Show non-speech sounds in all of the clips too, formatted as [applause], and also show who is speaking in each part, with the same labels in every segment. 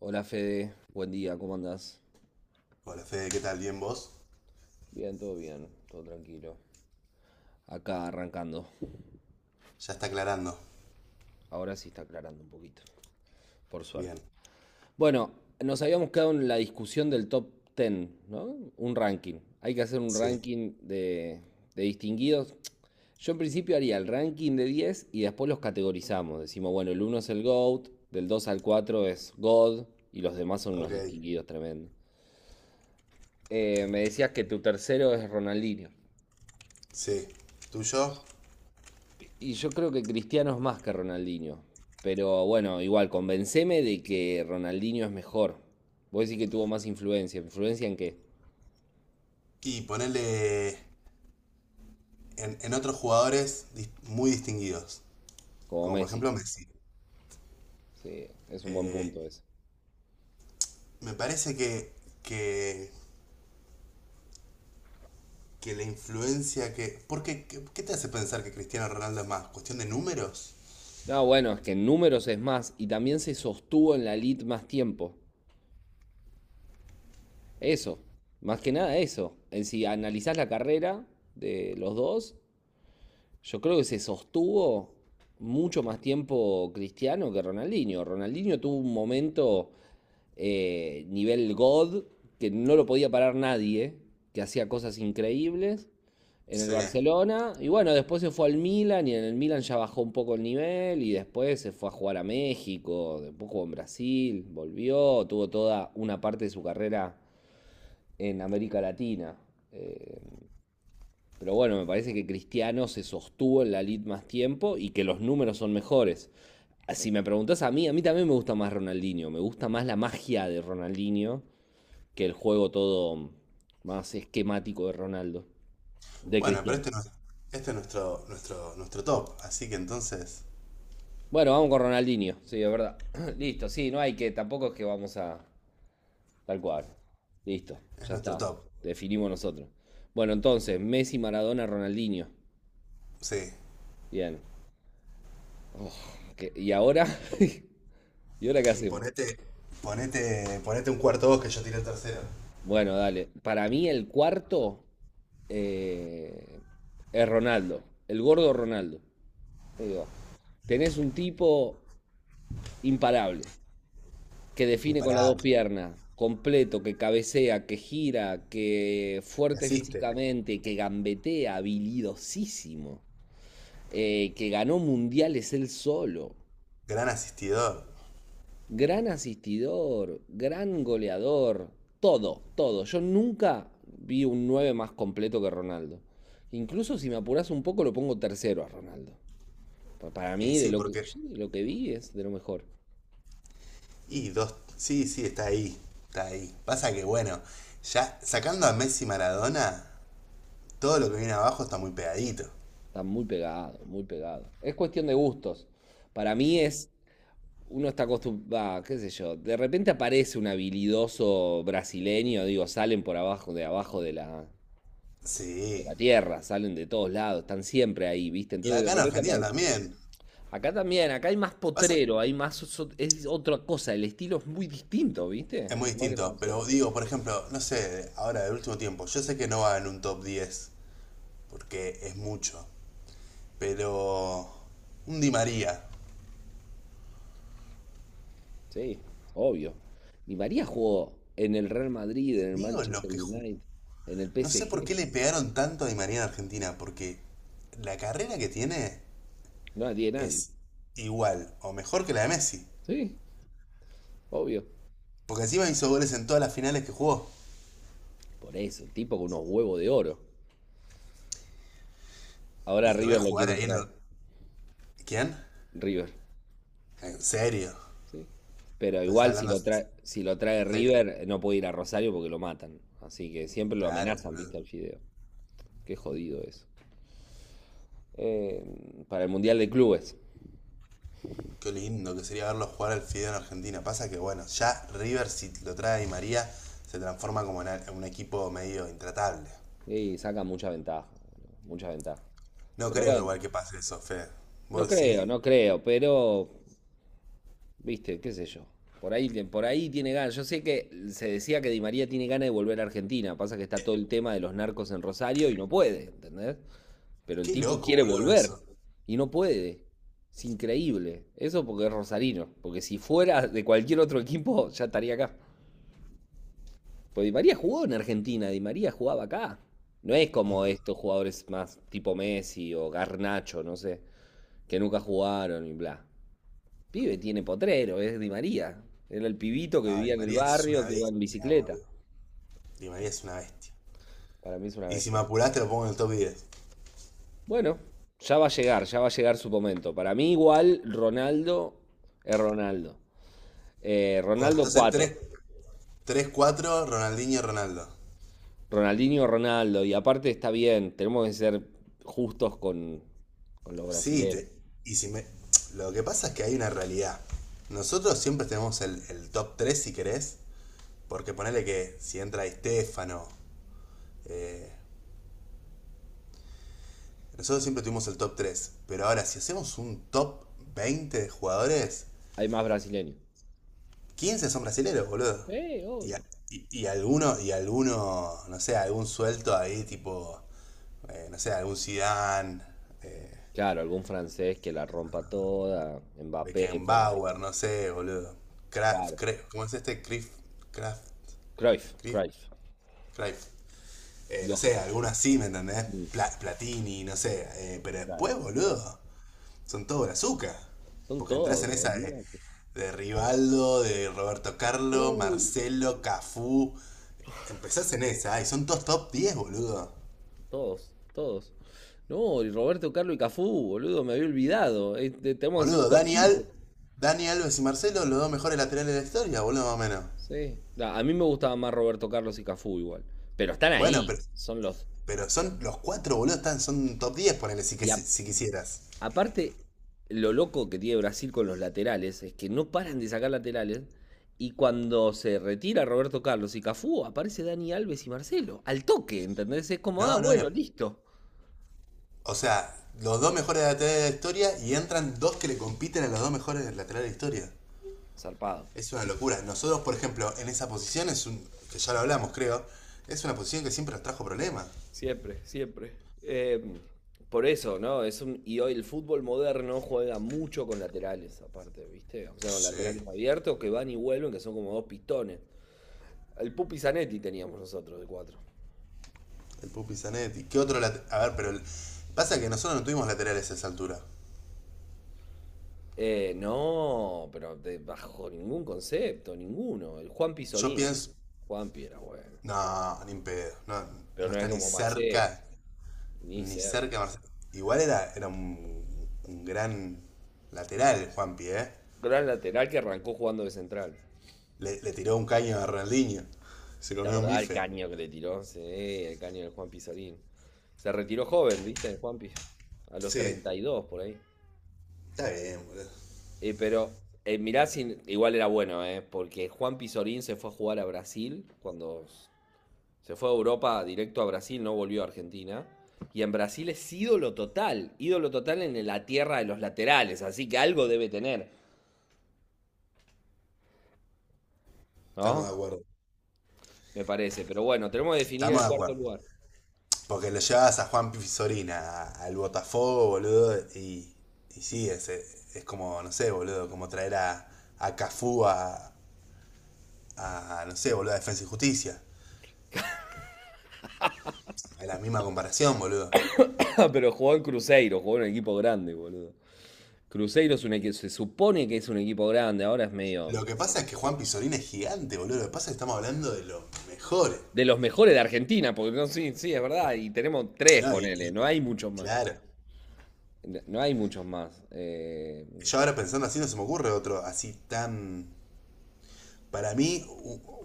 Speaker 1: Hola Fede, buen día, ¿cómo andás?
Speaker 2: Hola Fede, ¿qué tal? ¿Bien vos?
Speaker 1: Bien, todo tranquilo. Acá arrancando.
Speaker 2: Ya está aclarando.
Speaker 1: Ahora sí está aclarando un poquito, por suerte.
Speaker 2: Bien.
Speaker 1: Bueno, nos habíamos quedado en la discusión del top 10, ¿no? Un ranking. Hay que hacer un
Speaker 2: Sí.
Speaker 1: ranking de distinguidos. Yo en principio haría el ranking de 10 y después los categorizamos. Decimos, bueno, el uno es el GOAT, del 2 al 4 es God y los demás son unos
Speaker 2: Ok.
Speaker 1: distinguidos tremendos. Me decías que tu tercero es Ronaldinho.
Speaker 2: Sí. Tuyo.
Speaker 1: Y yo creo que Cristiano es más que Ronaldinho. Pero bueno, igual, convenceme de que Ronaldinho es mejor. Vos decís que tuvo más influencia. ¿Influencia en qué?
Speaker 2: Y ponerle en otros jugadores muy distinguidos.
Speaker 1: Como
Speaker 2: Como por
Speaker 1: Messi.
Speaker 2: ejemplo Messi.
Speaker 1: Sí, es un buen
Speaker 2: Eh,
Speaker 1: punto ese.
Speaker 2: me parece que, que la influencia que... ¿Por qué te hace pensar que Cristiano Ronaldo es más? ¿Cuestión de números?
Speaker 1: No, bueno, es que en números es más. Y también se sostuvo en la elite más tiempo. Eso. Más que nada eso. En Si analizás la carrera de los dos, yo creo que se sostuvo mucho más tiempo Cristiano que Ronaldinho. Ronaldinho tuvo un momento nivel God que no lo podía parar nadie, que hacía cosas increíbles en el
Speaker 2: Sí.
Speaker 1: Barcelona. Y bueno, después se fue al Milan y en el Milan ya bajó un poco el nivel y después se fue a jugar a México, después jugó en Brasil, volvió, tuvo toda una parte de su carrera en América Latina. Eh, pero bueno, me parece que Cristiano se sostuvo en la lid más tiempo y que los números son mejores. Si me preguntás a mí también me gusta más Ronaldinho. Me gusta más la magia de Ronaldinho que el juego todo más esquemático de Ronaldo, de
Speaker 2: Bueno, pero
Speaker 1: Cristiano.
Speaker 2: este, no, este es nuestro top. Así que entonces
Speaker 1: Bueno, vamos con Ronaldinho, sí, es verdad. [clears throat] Listo, sí, no hay que, tampoco es que vamos a tal cual. Listo,
Speaker 2: es
Speaker 1: ya
Speaker 2: nuestro
Speaker 1: está.
Speaker 2: top.
Speaker 1: Definimos nosotros. Bueno, entonces, Messi, Maradona, Ronaldinho.
Speaker 2: Sí.
Speaker 1: Bien. Oh, ¿Y ahora? [laughs] ¿Y ahora qué
Speaker 2: Y
Speaker 1: hacemos?
Speaker 2: ponete un cuarto vos que yo tiré el tercero.
Speaker 1: Bueno, dale. Para mí el cuarto eh, es Ronaldo, el gordo Ronaldo. Digo, tenés un tipo imparable, que define con las dos
Speaker 2: Imparable.
Speaker 1: piernas, completo, que cabecea, que gira, que fuerte
Speaker 2: Asiste.
Speaker 1: físicamente, que gambetea, habilidosísimo, que ganó mundiales él solo.
Speaker 2: Gran asistidor.
Speaker 1: Gran asistidor, gran goleador, todo, todo. Yo nunca vi un 9 más completo que Ronaldo. Incluso si me apuras un poco, lo pongo tercero a Ronaldo. Para
Speaker 2: Y
Speaker 1: mí, de
Speaker 2: sí,
Speaker 1: lo que,
Speaker 2: porque.
Speaker 1: sí, de lo que vi es de lo mejor.
Speaker 2: Y dos. Sí, sí, está ahí. Está ahí. Pasa que bueno, ya sacando a Messi y Maradona, todo lo que viene abajo está muy pegadito.
Speaker 1: Está muy pegado, muy pegado. Es cuestión de gustos. Para mí es, uno está acostumbrado, qué sé yo, de repente aparece un habilidoso brasileño, digo, salen por abajo, de abajo de la, de
Speaker 2: Sí.
Speaker 1: la tierra, salen de todos lados, están siempre ahí, ¿viste?
Speaker 2: Y
Speaker 1: Entonces de
Speaker 2: acá en
Speaker 1: repente
Speaker 2: Argentina
Speaker 1: aparece.
Speaker 2: también.
Speaker 1: Acá también, acá hay más
Speaker 2: Pasa que
Speaker 1: potrero, hay más, es otra cosa, el estilo es muy distinto,
Speaker 2: es
Speaker 1: ¿viste?
Speaker 2: muy
Speaker 1: Por más que
Speaker 2: distinto,
Speaker 1: estemos cerca.
Speaker 2: pero digo, por ejemplo, no sé, ahora del último tiempo, yo sé que no va en un top 10 porque es mucho, pero un Di María.
Speaker 1: Sí, obvio. Ni María jugó en el Real Madrid, en el
Speaker 2: Digo lo
Speaker 1: Manchester
Speaker 2: que...
Speaker 1: United, en el
Speaker 2: No sé por
Speaker 1: PSG.
Speaker 2: qué le pegaron tanto a Di María en Argentina, porque la carrera que tiene
Speaker 1: No tiene nadie.
Speaker 2: es igual o mejor que la de Messi.
Speaker 1: Sí, obvio.
Speaker 2: Porque encima hizo goles en todas las finales que jugó.
Speaker 1: Por eso, el tipo con unos huevos de oro. Ahora
Speaker 2: Y lo ves
Speaker 1: River lo
Speaker 2: jugar
Speaker 1: quiere
Speaker 2: ahí en
Speaker 1: traer.
Speaker 2: el... ¿Quién?
Speaker 1: River,
Speaker 2: En serio.
Speaker 1: sí. Pero
Speaker 2: Pero está
Speaker 1: igual si
Speaker 2: hablando
Speaker 1: lo trae,
Speaker 2: en
Speaker 1: si lo trae
Speaker 2: serio.
Speaker 1: River, no puede ir a Rosario porque lo matan. Así que siempre lo
Speaker 2: Claro,
Speaker 1: amenazan, ¿viste?
Speaker 2: boludo.
Speaker 1: Al fideo. Qué jodido eso. eh, para el Mundial de Clubes.
Speaker 2: Qué lindo que sería verlo jugar al Fideo en Argentina. Pasa que, bueno, ya River, si lo trae a Di María, se transforma como en en un equipo medio intratable.
Speaker 1: Y saca mucha ventaja, mucha ventaja.
Speaker 2: No
Speaker 1: Pero
Speaker 2: creo
Speaker 1: bueno,
Speaker 2: igual que pase eso, Fede.
Speaker 1: no
Speaker 2: ¿Vos
Speaker 1: creo,
Speaker 2: decís?
Speaker 1: no creo, pero, viste, qué sé yo. Por ahí tiene ganas. Yo sé que se decía que Di María tiene ganas de volver a Argentina. Pasa que está todo el tema de los narcos en Rosario y no puede, ¿entendés? Pero el
Speaker 2: Qué
Speaker 1: tipo
Speaker 2: loco,
Speaker 1: quiere
Speaker 2: boludo, eso.
Speaker 1: volver y no puede. Es increíble. Eso porque es rosarino. Porque si fuera de cualquier otro equipo, ya estaría acá. Pues Di María jugó en Argentina, Di María jugaba acá. No es como estos jugadores más tipo Messi o Garnacho, no sé, que nunca jugaron y bla. Pibe tiene potrero, es Di María. Era el pibito que
Speaker 2: Ah, Di
Speaker 1: vivía en el
Speaker 2: María es una
Speaker 1: barrio, que iba en
Speaker 2: bestia,
Speaker 1: bicicleta.
Speaker 2: boludo. Di María es una bestia.
Speaker 1: Para mí es una
Speaker 2: Y si
Speaker 1: bestia.
Speaker 2: me apuraste lo pongo en el top 10.
Speaker 1: Bueno, ya va a llegar, ya va a llegar su momento. Para mí igual Ronaldo es Ronaldo.
Speaker 2: Bueno,
Speaker 1: Ronaldo
Speaker 2: entonces
Speaker 1: 4,
Speaker 2: tres, 4, Ronaldinho, Ronaldo.
Speaker 1: Ronaldinho Ronaldo. Y aparte está bien, tenemos que ser justos con los
Speaker 2: Sí,
Speaker 1: brasileros.
Speaker 2: y si me... Lo que pasa es que hay una realidad. Nosotros siempre tenemos el top 3 si querés, porque ponele que si entra Estefano, nosotros siempre tuvimos el top 3. Pero ahora si hacemos un top 20 de jugadores,
Speaker 1: Hay más brasileños.
Speaker 2: 15 son brasileros, boludo. Y, a-
Speaker 1: Obvio.
Speaker 2: y alguno, no sé, algún suelto ahí, tipo, no sé, algún Zidane, eh,
Speaker 1: Claro, algún francés que la rompa toda. Mbappé, pone.
Speaker 2: Beckenbauer, no sé, boludo. Kraft,
Speaker 1: Claro.
Speaker 2: ¿Cómo es este? Crif, Kraft,
Speaker 1: Cruyff,
Speaker 2: Crif,
Speaker 1: Cruyff.
Speaker 2: Cruyff. No sé,
Speaker 1: Johan.
Speaker 2: alguno así, ¿me entendés?
Speaker 1: Mm,
Speaker 2: Platini, no sé. Pero
Speaker 1: claro.
Speaker 2: después,
Speaker 1: Eh,
Speaker 2: boludo, son todos azúcar.
Speaker 1: Son
Speaker 2: Porque entras
Speaker 1: todos,
Speaker 2: en esa de,
Speaker 1: olvídate.
Speaker 2: Rivaldo, de Roberto Carlos,
Speaker 1: Uy,
Speaker 2: Marcelo, Cafú. Empezás en esa, y son todos top 10, boludo.
Speaker 1: todos, todos. No, y Roberto Carlos y Cafú, boludo, me había olvidado. Tenemos que hacer un
Speaker 2: Boludo,
Speaker 1: top
Speaker 2: Daniel,
Speaker 1: quince
Speaker 2: Daniel Alves y Marcelo, los dos mejores laterales de la historia, boludo, más o menos.
Speaker 1: Sí. Nah, a mí me gustaba más Roberto Carlos y Cafú igual. Pero están
Speaker 2: Bueno,
Speaker 1: ahí.
Speaker 2: pero,
Speaker 1: Son los.
Speaker 2: pero son los cuatro, boludo, son top 10, ponele si,
Speaker 1: Y, a-
Speaker 2: si quisieras.
Speaker 1: Aparte, lo loco que tiene Brasil con los laterales es que no paran de sacar laterales. Y cuando se retira Roberto Carlos y Cafú, aparece Dani Alves y Marcelo. Al toque, ¿entendés? Es como, ah,
Speaker 2: No, no,
Speaker 1: bueno, listo.
Speaker 2: o sea, los dos mejores laterales de la historia y entran dos que le compiten a los dos mejores laterales de la historia.
Speaker 1: Zarpado.
Speaker 2: Es una locura. Nosotros, por ejemplo, en esa posición es un. Que ya lo hablamos, creo. Es una posición que siempre nos trajo problemas.
Speaker 1: Siempre, siempre. Eh, por eso, ¿no? Y hoy el fútbol moderno juega mucho con laterales, aparte, ¿viste? O sea, con
Speaker 2: Sí.
Speaker 1: laterales abiertos que van y vuelven, que son como dos pistones. El Pupi Zanetti teníamos nosotros de cuatro.
Speaker 2: El Pupi Zanetti. ¿Qué otro lateral? A ver, pero pasa que nosotros no tuvimos laterales a esa altura.
Speaker 1: No, pero bajo ningún concepto, ninguno. El Juan
Speaker 2: Yo
Speaker 1: Pizorín.
Speaker 2: pienso.
Speaker 1: Juanpi era bueno.
Speaker 2: No, ni en pedo. No,
Speaker 1: Pero
Speaker 2: no
Speaker 1: no
Speaker 2: está
Speaker 1: era
Speaker 2: ni
Speaker 1: como Marcelo,
Speaker 2: cerca.
Speaker 1: ni
Speaker 2: Ni
Speaker 1: cerca.
Speaker 2: cerca Marcelo. Igual era un, gran lateral, Juanpi, ¿eh?
Speaker 1: Gran lateral que arrancó jugando de central.
Speaker 2: Le tiró un caño a Ronaldinho. Se
Speaker 1: ¿Te
Speaker 2: comió un
Speaker 1: acordás del
Speaker 2: bife.
Speaker 1: caño que le tiró? Sí, el caño del Juan Pizorín. Se retiró joven, ¿viste? El Juanpi. A los
Speaker 2: Sí,
Speaker 1: 32 por ahí.
Speaker 2: está bien, boludo.
Speaker 1: Pero mirá, igual era bueno, ¿eh? Porque Juan Pizorín se fue a jugar a Brasil cuando se fue a Europa directo a Brasil, no volvió a Argentina. Y en Brasil es ídolo total en la tierra de los laterales, así que algo debe tener,
Speaker 2: Estamos
Speaker 1: ¿no?
Speaker 2: de acuerdo.
Speaker 1: Me parece, pero bueno, tenemos que definir
Speaker 2: Estamos
Speaker 1: el
Speaker 2: de
Speaker 1: cuarto
Speaker 2: acuerdo.
Speaker 1: lugar.
Speaker 2: Porque lo llevas a Juan Pisorina, al Botafogo, boludo, y sí, es como, no sé, boludo, como traer a, Cafú a, no sé, boludo, a Defensa y Justicia. Es la misma comparación, boludo.
Speaker 1: [laughs] Pero jugó en Cruzeiro, jugó en un equipo grande, boludo. Cruzeiro es un equipo, se supone que es un equipo grande, ahora es medio
Speaker 2: Lo que pasa es que
Speaker 1: qué
Speaker 2: Juan
Speaker 1: sé yo,
Speaker 2: Pisorina es gigante, boludo. Lo que pasa es que estamos hablando de los mejores.
Speaker 1: de los mejores de Argentina, porque no, sí, sí, es verdad, y tenemos tres,
Speaker 2: No, y,
Speaker 1: ponele,
Speaker 2: y
Speaker 1: no hay muchos más.
Speaker 2: claro.
Speaker 1: No, hay muchos más.
Speaker 2: Yo ahora pensando así no se me ocurre otro así tan... Para mí,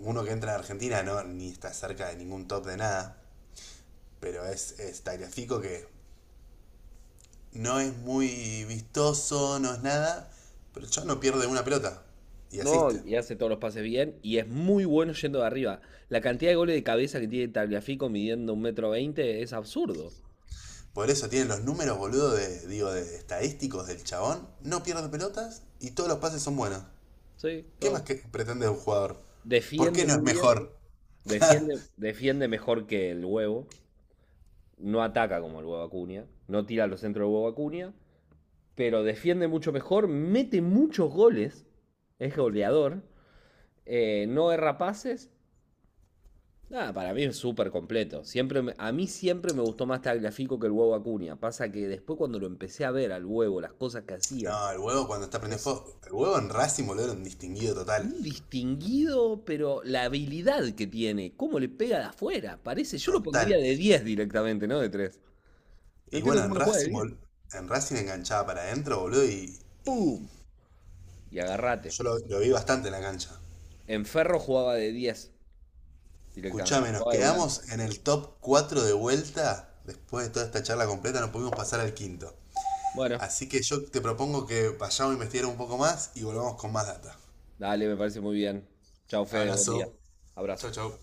Speaker 2: uno que entra en Argentina no ni está cerca de ningún top de nada, pero es Tagliafico que no es muy vistoso, no es nada, pero el chabón no pierde una pelota y
Speaker 1: No,
Speaker 2: asiste.
Speaker 1: y hace todos los pases bien y es muy bueno yendo de arriba. La cantidad de goles de cabeza que tiene Tagliafico midiendo 1,20 m es absurdo.
Speaker 2: Por eso tiene los números, boludo, de estadísticos del chabón. No pierde pelotas y todos los pases son buenos.
Speaker 1: Sí,
Speaker 2: ¿Qué más
Speaker 1: todo-
Speaker 2: que pretende un jugador? ¿Por qué
Speaker 1: Defiende
Speaker 2: no es
Speaker 1: muy bien,
Speaker 2: mejor?
Speaker 1: defiende mejor que el huevo, no ataca como el huevo Acuña, no tira a los centros del huevo Acuña, pero defiende mucho mejor, mete muchos goles, es goleador, no erra pases. Nada, para mí es súper completo. A mí siempre me gustó más Tagliafico que el huevo Acuña. Pasa que después cuando lo empecé a ver al huevo, las cosas que hacía,
Speaker 2: No, el huevo cuando está prendiendo
Speaker 1: es
Speaker 2: fuego. El huevo en Racing, boludo, era un distinguido total.
Speaker 1: un distinguido, pero la habilidad que tiene, cómo le pega de afuera, parece, yo lo pondría
Speaker 2: Total.
Speaker 1: de 10 directamente, no de 3. No
Speaker 2: Y
Speaker 1: entiendo
Speaker 2: bueno,
Speaker 1: cómo no juega de diez.
Speaker 2: En Racing enganchaba para adentro, boludo, y
Speaker 1: ¡Pum! Y agarrate.
Speaker 2: yo lo vi bastante en la cancha.
Speaker 1: En Ferro jugaba de 10 directamente,
Speaker 2: Escuchame, nos
Speaker 1: jugaba de volante.
Speaker 2: quedamos en el top 4 de vuelta. Después de toda esta charla completa, no pudimos pasar al quinto.
Speaker 1: Bueno,
Speaker 2: Así que yo te propongo que vayamos a investigar un poco más y volvamos con más data.
Speaker 1: dale, me parece muy bien. Chao, Fede, buen día.
Speaker 2: Abrazo. Chau,
Speaker 1: Abrazo.
Speaker 2: chau.